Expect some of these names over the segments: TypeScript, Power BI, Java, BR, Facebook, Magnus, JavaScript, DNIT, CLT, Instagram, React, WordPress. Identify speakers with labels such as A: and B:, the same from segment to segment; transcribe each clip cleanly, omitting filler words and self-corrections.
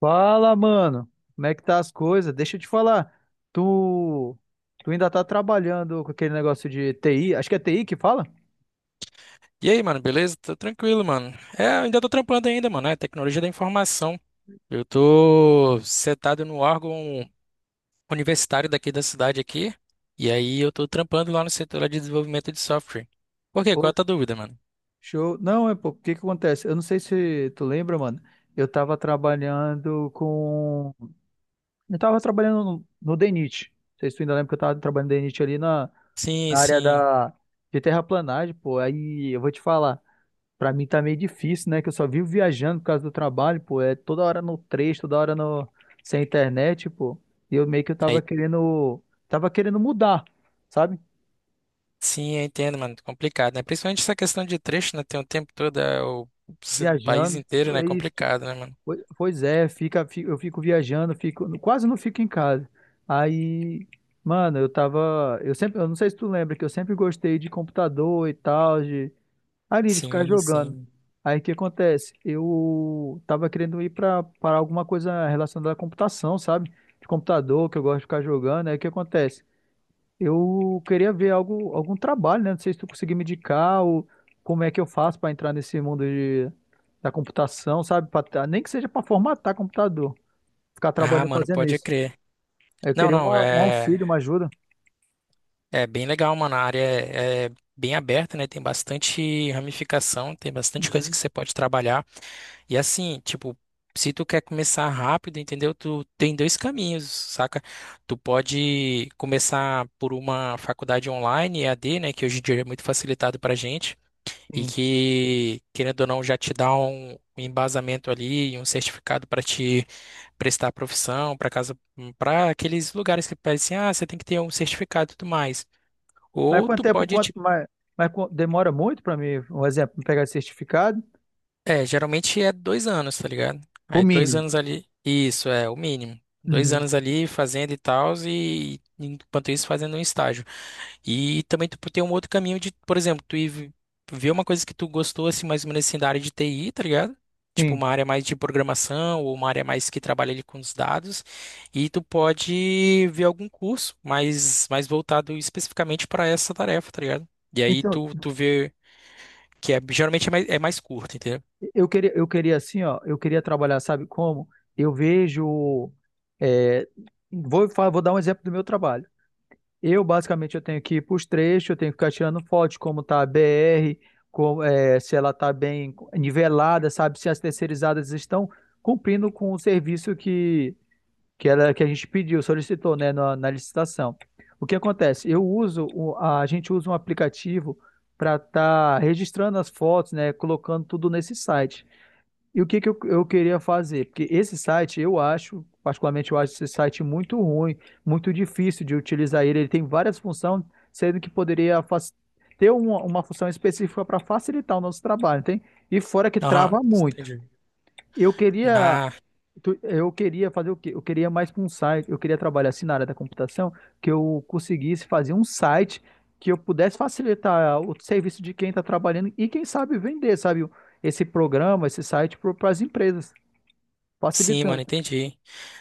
A: Fala, mano. Como é que tá as coisas? Deixa eu te falar. Tu, tu ainda tá trabalhando com aquele negócio de TI? Acho que é TI que fala?
B: E aí, mano, beleza? Tô tranquilo, mano. É, eu ainda tô trampando ainda, mano. É tecnologia da informação. Eu tô setado no órgão universitário daqui da cidade aqui. E aí eu tô trampando lá no setor lá de desenvolvimento de software. Por quê? Qual é
A: Oi.
B: a tua dúvida, mano?
A: Show. Não, é pô, o que que acontece? Eu não sei se tu lembra, mano. Eu tava trabalhando com. Eu tava trabalhando no DNIT. Não sei se tu ainda lembra que eu tava trabalhando no DNIT ali na,
B: Sim,
A: na área
B: sim.
A: de terraplanagem, pô. Aí eu vou te falar. Pra mim tá meio difícil, né? Que eu só vivo viajando por causa do trabalho, pô. É toda hora no trecho, toda hora sem internet, pô. E eu meio que eu tava
B: Aí,
A: querendo. Tava querendo mudar, sabe?
B: sim, eu entendo, mano. Complicado, né? Principalmente essa questão de trecho, né? Tem o tempo todo, o país
A: Viajando.
B: inteiro, né? É
A: Pois,
B: complicado, né, mano?
A: pois é, eu fico viajando, fico. Quase não fico em casa. Aí, mano, eu tava. Eu sempre. Eu não sei se tu lembra que eu sempre gostei de computador e tal, de ali de ficar
B: Sim,
A: jogando.
B: sim.
A: Aí o que acontece? Eu tava querendo ir pra para alguma coisa relacionada à computação, sabe? De computador, que eu gosto de ficar jogando. Aí o que acontece? Eu queria ver algo, algum trabalho, né? Não sei se tu conseguir me indicar ou como é que eu faço para entrar nesse mundo da computação, sabe? Nem que seja para formatar computador, ficar
B: Ah,
A: trabalhando
B: mano,
A: fazendo
B: pode
A: isso.
B: crer.
A: Eu
B: Não,
A: queria
B: não,
A: um
B: é.
A: auxílio, uma ajuda.
B: É bem legal, mano. A área é bem aberta, né? Tem bastante ramificação, tem bastante coisa que
A: Uhum.
B: você pode trabalhar. E assim, tipo, se tu quer começar rápido, entendeu? Tu tem dois caminhos, saca? Tu pode começar por uma faculdade online, EAD, né? Que hoje em dia é muito facilitado pra gente. E
A: Sim.
B: que, querendo ou não, já te dá um embasamento ali, um certificado para te prestar a profissão, para casa, para aqueles lugares que pedem assim, ah, você tem que ter um certificado e tudo mais.
A: Mas
B: Ou
A: quanto
B: tu
A: tempo,
B: pode,
A: quanto
B: tipo,
A: mais, mas qu- demora muito para mim, um exemplo, pegar esse certificado?
B: geralmente é 2 anos, tá ligado?
A: O
B: Aí dois
A: mínimo.
B: anos ali, isso é o mínimo. Dois
A: Uhum,
B: anos ali fazendo e tal, e enquanto isso fazendo um estágio. E também tu tem um outro caminho de, por exemplo, tu ir ver uma coisa que tu gostou, assim, mais ou menos assim, da área de TI, tá ligado? Tipo,
A: sim.
B: uma área mais de programação ou uma área mais que trabalha ali com os dados. E tu pode ver algum curso mais voltado especificamente para essa tarefa, tá ligado? E aí
A: Então,
B: tu vê que é, geralmente é mais curto, entendeu?
A: eu queria assim, ó, eu queria trabalhar, sabe como? Eu vejo, é, vou dar um exemplo do meu trabalho. Basicamente, eu tenho que ir para os trechos, eu tenho que ficar tirando foto de como tá a BR, como, é, se ela tá bem nivelada, sabe? Se as terceirizadas estão cumprindo com o serviço que ela que a gente pediu, solicitou, né, na licitação. O que acontece? A gente usa um aplicativo para estar registrando as fotos, né, colocando tudo nesse site. E o que que eu queria fazer? Porque esse site, eu acho, particularmente, eu acho esse site muito ruim, muito difícil de utilizar ele. Ele tem várias funções, sendo que ter uma função específica para facilitar o nosso trabalho, tem? E fora que
B: Aham,
A: trava muito.
B: entendi.
A: Eu queria
B: Ah,
A: Eu queria fazer o quê? Eu queria mais para um site, eu queria trabalhar assim na área da computação, que eu conseguisse fazer um site que eu pudesse facilitar o serviço de quem está trabalhando e quem sabe vender, sabe? Esse programa, esse site para as empresas,
B: sim,
A: facilitando.
B: mano, entendi.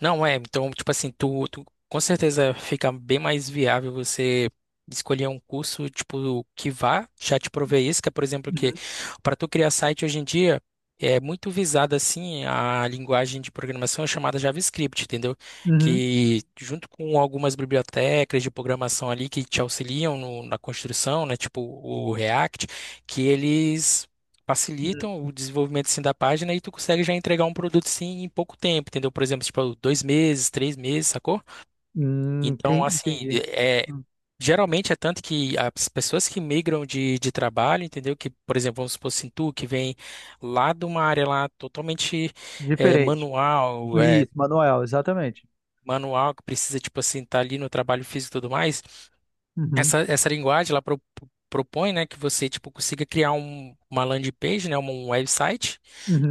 B: Não, então, tipo assim, tu com certeza fica bem mais viável você escolher um curso, tipo, que vá já te prover isso, que é, por exemplo, que
A: Uhum,
B: para tu criar site hoje em dia é muito visada, assim, a linguagem de programação chamada JavaScript, entendeu?
A: uhum,
B: Que junto com algumas bibliotecas de programação ali que te auxiliam na construção, né, tipo o React, que eles
A: uhum.
B: facilitam o desenvolvimento assim, da página e tu consegue já entregar um produto sim em pouco tempo, entendeu? Por exemplo, tipo, 2 meses, 3 meses, sacou? Então, assim,
A: Entendi. Hum,
B: geralmente é tanto que as pessoas que migram de trabalho, entendeu? Que, por exemplo, vamos supor assim, tu que vem lá de uma área lá totalmente é,
A: Diferente.
B: manual, é,
A: Isso, manual, exatamente.
B: manual que precisa, tipo assim, estar ali no trabalho físico e tudo mais.
A: Uhum,
B: Essa linguagem ela propõe, né, que você tipo consiga criar uma landing page, né, um website,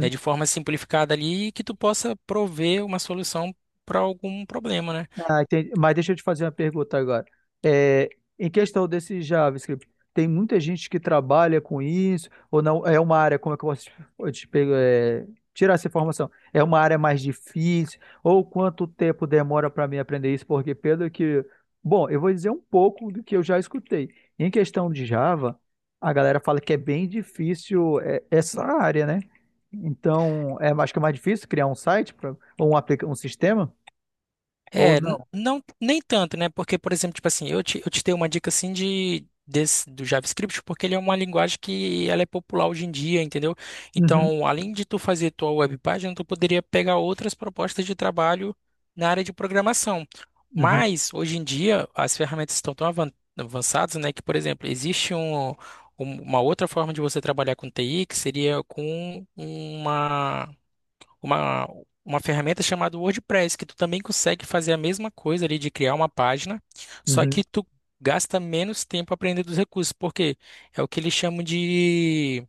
B: né, de forma simplificada ali e que tu possa prover uma solução para algum problema, né?
A: Ah, entendi. Mas deixa eu te fazer uma pergunta agora. É, em questão desse JavaScript, tem muita gente que trabalha com isso, ou não? É uma área, como é que eu posso te, eu te pego- é, tirar essa informação? É uma área mais difícil? Ou quanto tempo demora para mim aprender isso? Porque pelo que. Bom, eu vou dizer um pouco do que eu já escutei. Em questão de Java, a galera fala que é bem difícil é, essa área, né? Então, é, acho que é mais difícil criar um site pra, um sistema, ou
B: É,
A: não?
B: não, nem tanto, né? Porque, por exemplo, tipo assim, eu te dei uma dica assim do JavaScript, porque ele é uma linguagem que ela é popular hoje em dia, entendeu?
A: Uhum.
B: Então, além de tu fazer tua web página, tu poderia pegar outras propostas de trabalho na área de programação.
A: Uhum,
B: Mas, hoje em dia, as ferramentas estão tão avançadas, né? Que, por exemplo, existe uma outra forma de você trabalhar com TI, que seria com uma, uma ferramenta chamada WordPress, que tu também consegue fazer a mesma coisa ali de criar uma página, só
A: uhum.
B: que tu gasta menos tempo aprendendo os recursos, porque é o que eles chamam de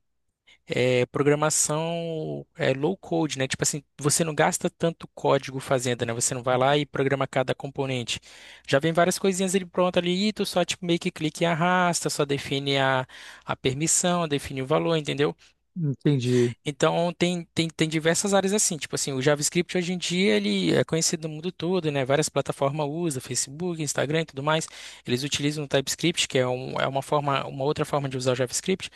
B: programação low code, né? Tipo assim, você não gasta tanto código fazendo, né? Você não vai lá e programa cada componente. Já vem várias coisinhas ali pronto ali, e tu só tipo, meio que clica e arrasta, só define a permissão, define o valor, entendeu?
A: Entendi.
B: Então tem diversas áreas assim, tipo assim, o JavaScript hoje em dia ele é conhecido no mundo todo, né? Várias plataformas usam, Facebook, Instagram e tudo mais. Eles utilizam o TypeScript, que é uma forma, uma outra forma de usar o JavaScript.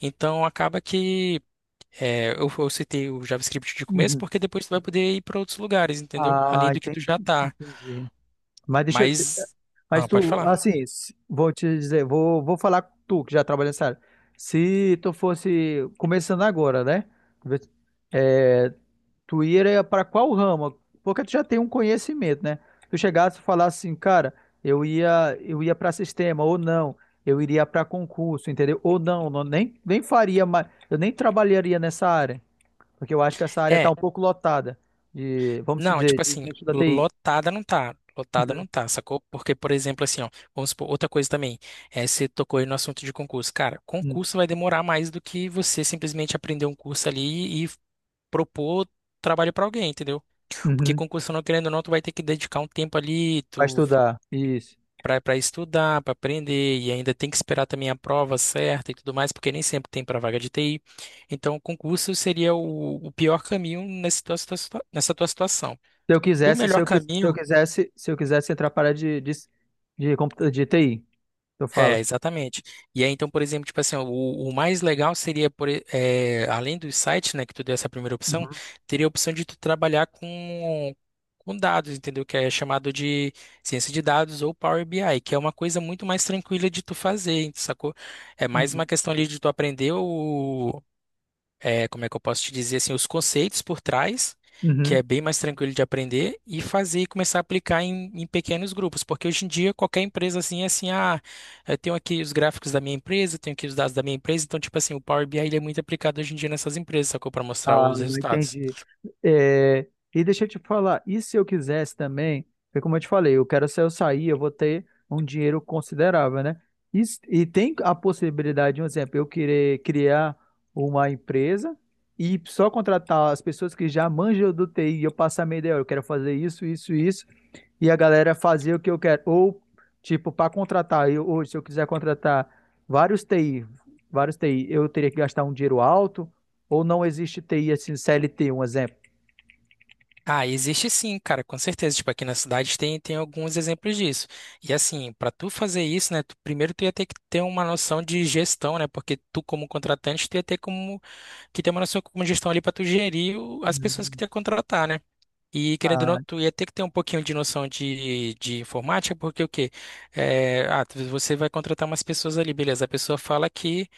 B: Então acaba que eu citei o JavaScript de começo
A: Uhum.
B: porque depois tu vai poder ir para outros lugares, entendeu?
A: Ah,
B: Além do que
A: entendi.
B: tu já tá.
A: Entendi. Mas deixa eu. te-
B: Mas
A: Mas
B: ah, pode
A: tu,
B: falar.
A: vou te dizer, vou falar com tu que já trabalha nessa área. Se tu fosse começando agora, né? Vê- É, tu iria para qual ramo? Porque tu já tem um conhecimento, né? Tu chegasse e falasse assim, cara, eu ia para sistema ou não, eu iria para concurso, entendeu? Ou não, nem faria mais, eu nem trabalharia nessa área. Porque eu acho que essa área está
B: é
A: um pouco lotada de, vamos
B: Não,
A: dizer,
B: tipo
A: de
B: assim,
A: gente da TI.
B: lotada não tá. Lotada
A: Uhum,
B: não tá, sacou? Porque, por exemplo, assim, ó, vamos supor, outra coisa também, você tocou aí no assunto de concurso. Cara,
A: uhum,
B: concurso vai demorar mais do que você simplesmente aprender um curso ali e propor trabalho pra alguém, entendeu? Porque
A: uhum.
B: concurso, não querendo ou não, tu vai ter que dedicar um tempo ali,
A: Para
B: tu
A: estudar. Isso.
B: pra estudar, pra aprender, e ainda tem que esperar também a prova certa e tudo mais, porque nem sempre tem pra vaga de TI. Então, concurso seria o pior caminho nessa tua situação.
A: Se eu
B: O
A: quisesse, se
B: melhor
A: eu, quis- se eu
B: caminho.
A: quisesse, Se eu quisesse entrar para a área de TI, eu
B: É,
A: falo.
B: exatamente. E aí, então, por exemplo, tipo assim, ó, o mais legal seria, além do site, né, que tu deu essa primeira opção,
A: Uhum,
B: teria a opção de tu trabalhar com dados, entendeu? Que é chamado de ciência de dados ou Power BI, que é uma coisa muito mais tranquila de tu fazer, sacou? É mais uma
A: uhum,
B: questão ali de tu aprender como é que eu posso te dizer assim, os conceitos por trás, que
A: uhum.
B: é bem mais tranquilo de aprender, e fazer e começar a aplicar em pequenos grupos, porque hoje em dia qualquer empresa assim é assim, ah, eu tenho aqui os gráficos da minha empresa, tenho aqui os dados da minha empresa, então tipo assim, o Power BI ele é muito aplicado hoje em dia nessas empresas, sacou? Para mostrar
A: Ah,
B: os resultados.
A: entendi. É, e deixa eu te falar, e se eu quisesse também, porque como eu te falei, eu quero se eu sair, eu vou ter um dinheiro considerável, né? E tem a possibilidade, um exemplo, eu querer criar uma empresa e só contratar as pessoas que já manjam do TI e eu passar a minha ideia, "Olha, eu quero fazer isso, isso, isso, e a galera fazer o que eu quero. Ou, tipo, para contratar, eu, hoje, se eu quiser contratar vários TI, vários TI, eu teria que gastar um dinheiro alto ou não existe TI assim, CLT, um exemplo?
B: Ah, existe sim, cara, com certeza. Tipo, aqui na cidade tem alguns exemplos disso. E assim, para tu fazer isso, né, primeiro tu ia ter que ter uma noção de gestão, né, porque tu como contratante, tu ia ter como que tem uma noção como gestão ali para tu gerir as pessoas que tu
A: Hum.
B: ia contratar, né? E querendo ou não,
A: Ah,
B: tu ia ter que ter um pouquinho de noção de informática, porque o quê? Ah, você vai contratar umas pessoas ali, beleza. A pessoa fala que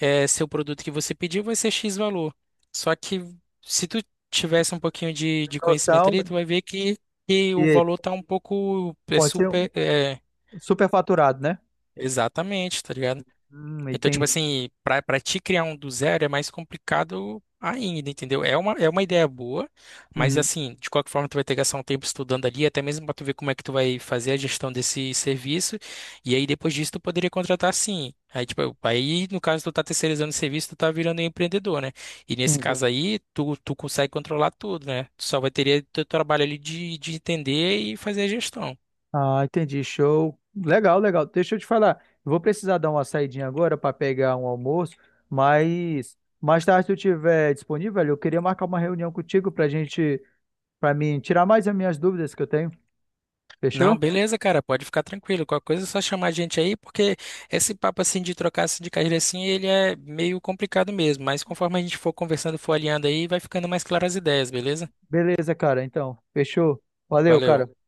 B: seu produto que você pediu vai ser X valor. Só que se tu tivesse um pouquinho de conhecimento
A: noção
B: ali, tu
A: de
B: vai ver que o
A: que
B: valor tá um pouco é
A: pode ser um
B: super. É,
A: superfaturado, né?
B: exatamente, tá ligado? Então, tipo
A: Entendi.
B: assim, pra te criar um do zero é mais complicado ainda, entendeu? É uma ideia boa, mas assim, de qualquer forma, tu vai ter que gastar um tempo estudando ali, até mesmo pra tu ver como é que tu vai fazer a gestão desse serviço. E aí, depois disso, tu poderia contratar sim. Aí, tipo, aí, no caso, tu tá terceirizando o serviço, tu tá virando um empreendedor, né? E nesse
A: Uhum.
B: caso aí, tu consegue controlar tudo, né? Tu só vai ter teu trabalho ali de entender e fazer a gestão.
A: Ah, entendi, show. Legal, legal. Deixa eu te falar, eu vou precisar dar uma saidinha agora para pegar um almoço, mas mais tarde, se eu tiver disponível, eu queria marcar uma reunião contigo para gente, para mim tirar mais as minhas dúvidas que eu tenho.
B: Não,
A: Fechou? Não,
B: beleza, cara, pode ficar tranquilo. Qualquer coisa é só chamar a gente aí, porque esse papo assim de trocar assim, de carreira assim, ele é meio complicado mesmo, mas conforme a gente for conversando, for alinhando aí, vai ficando mais claras as ideias, beleza?
A: beleza, cara. Então, fechou. Valeu,
B: Valeu.
A: cara.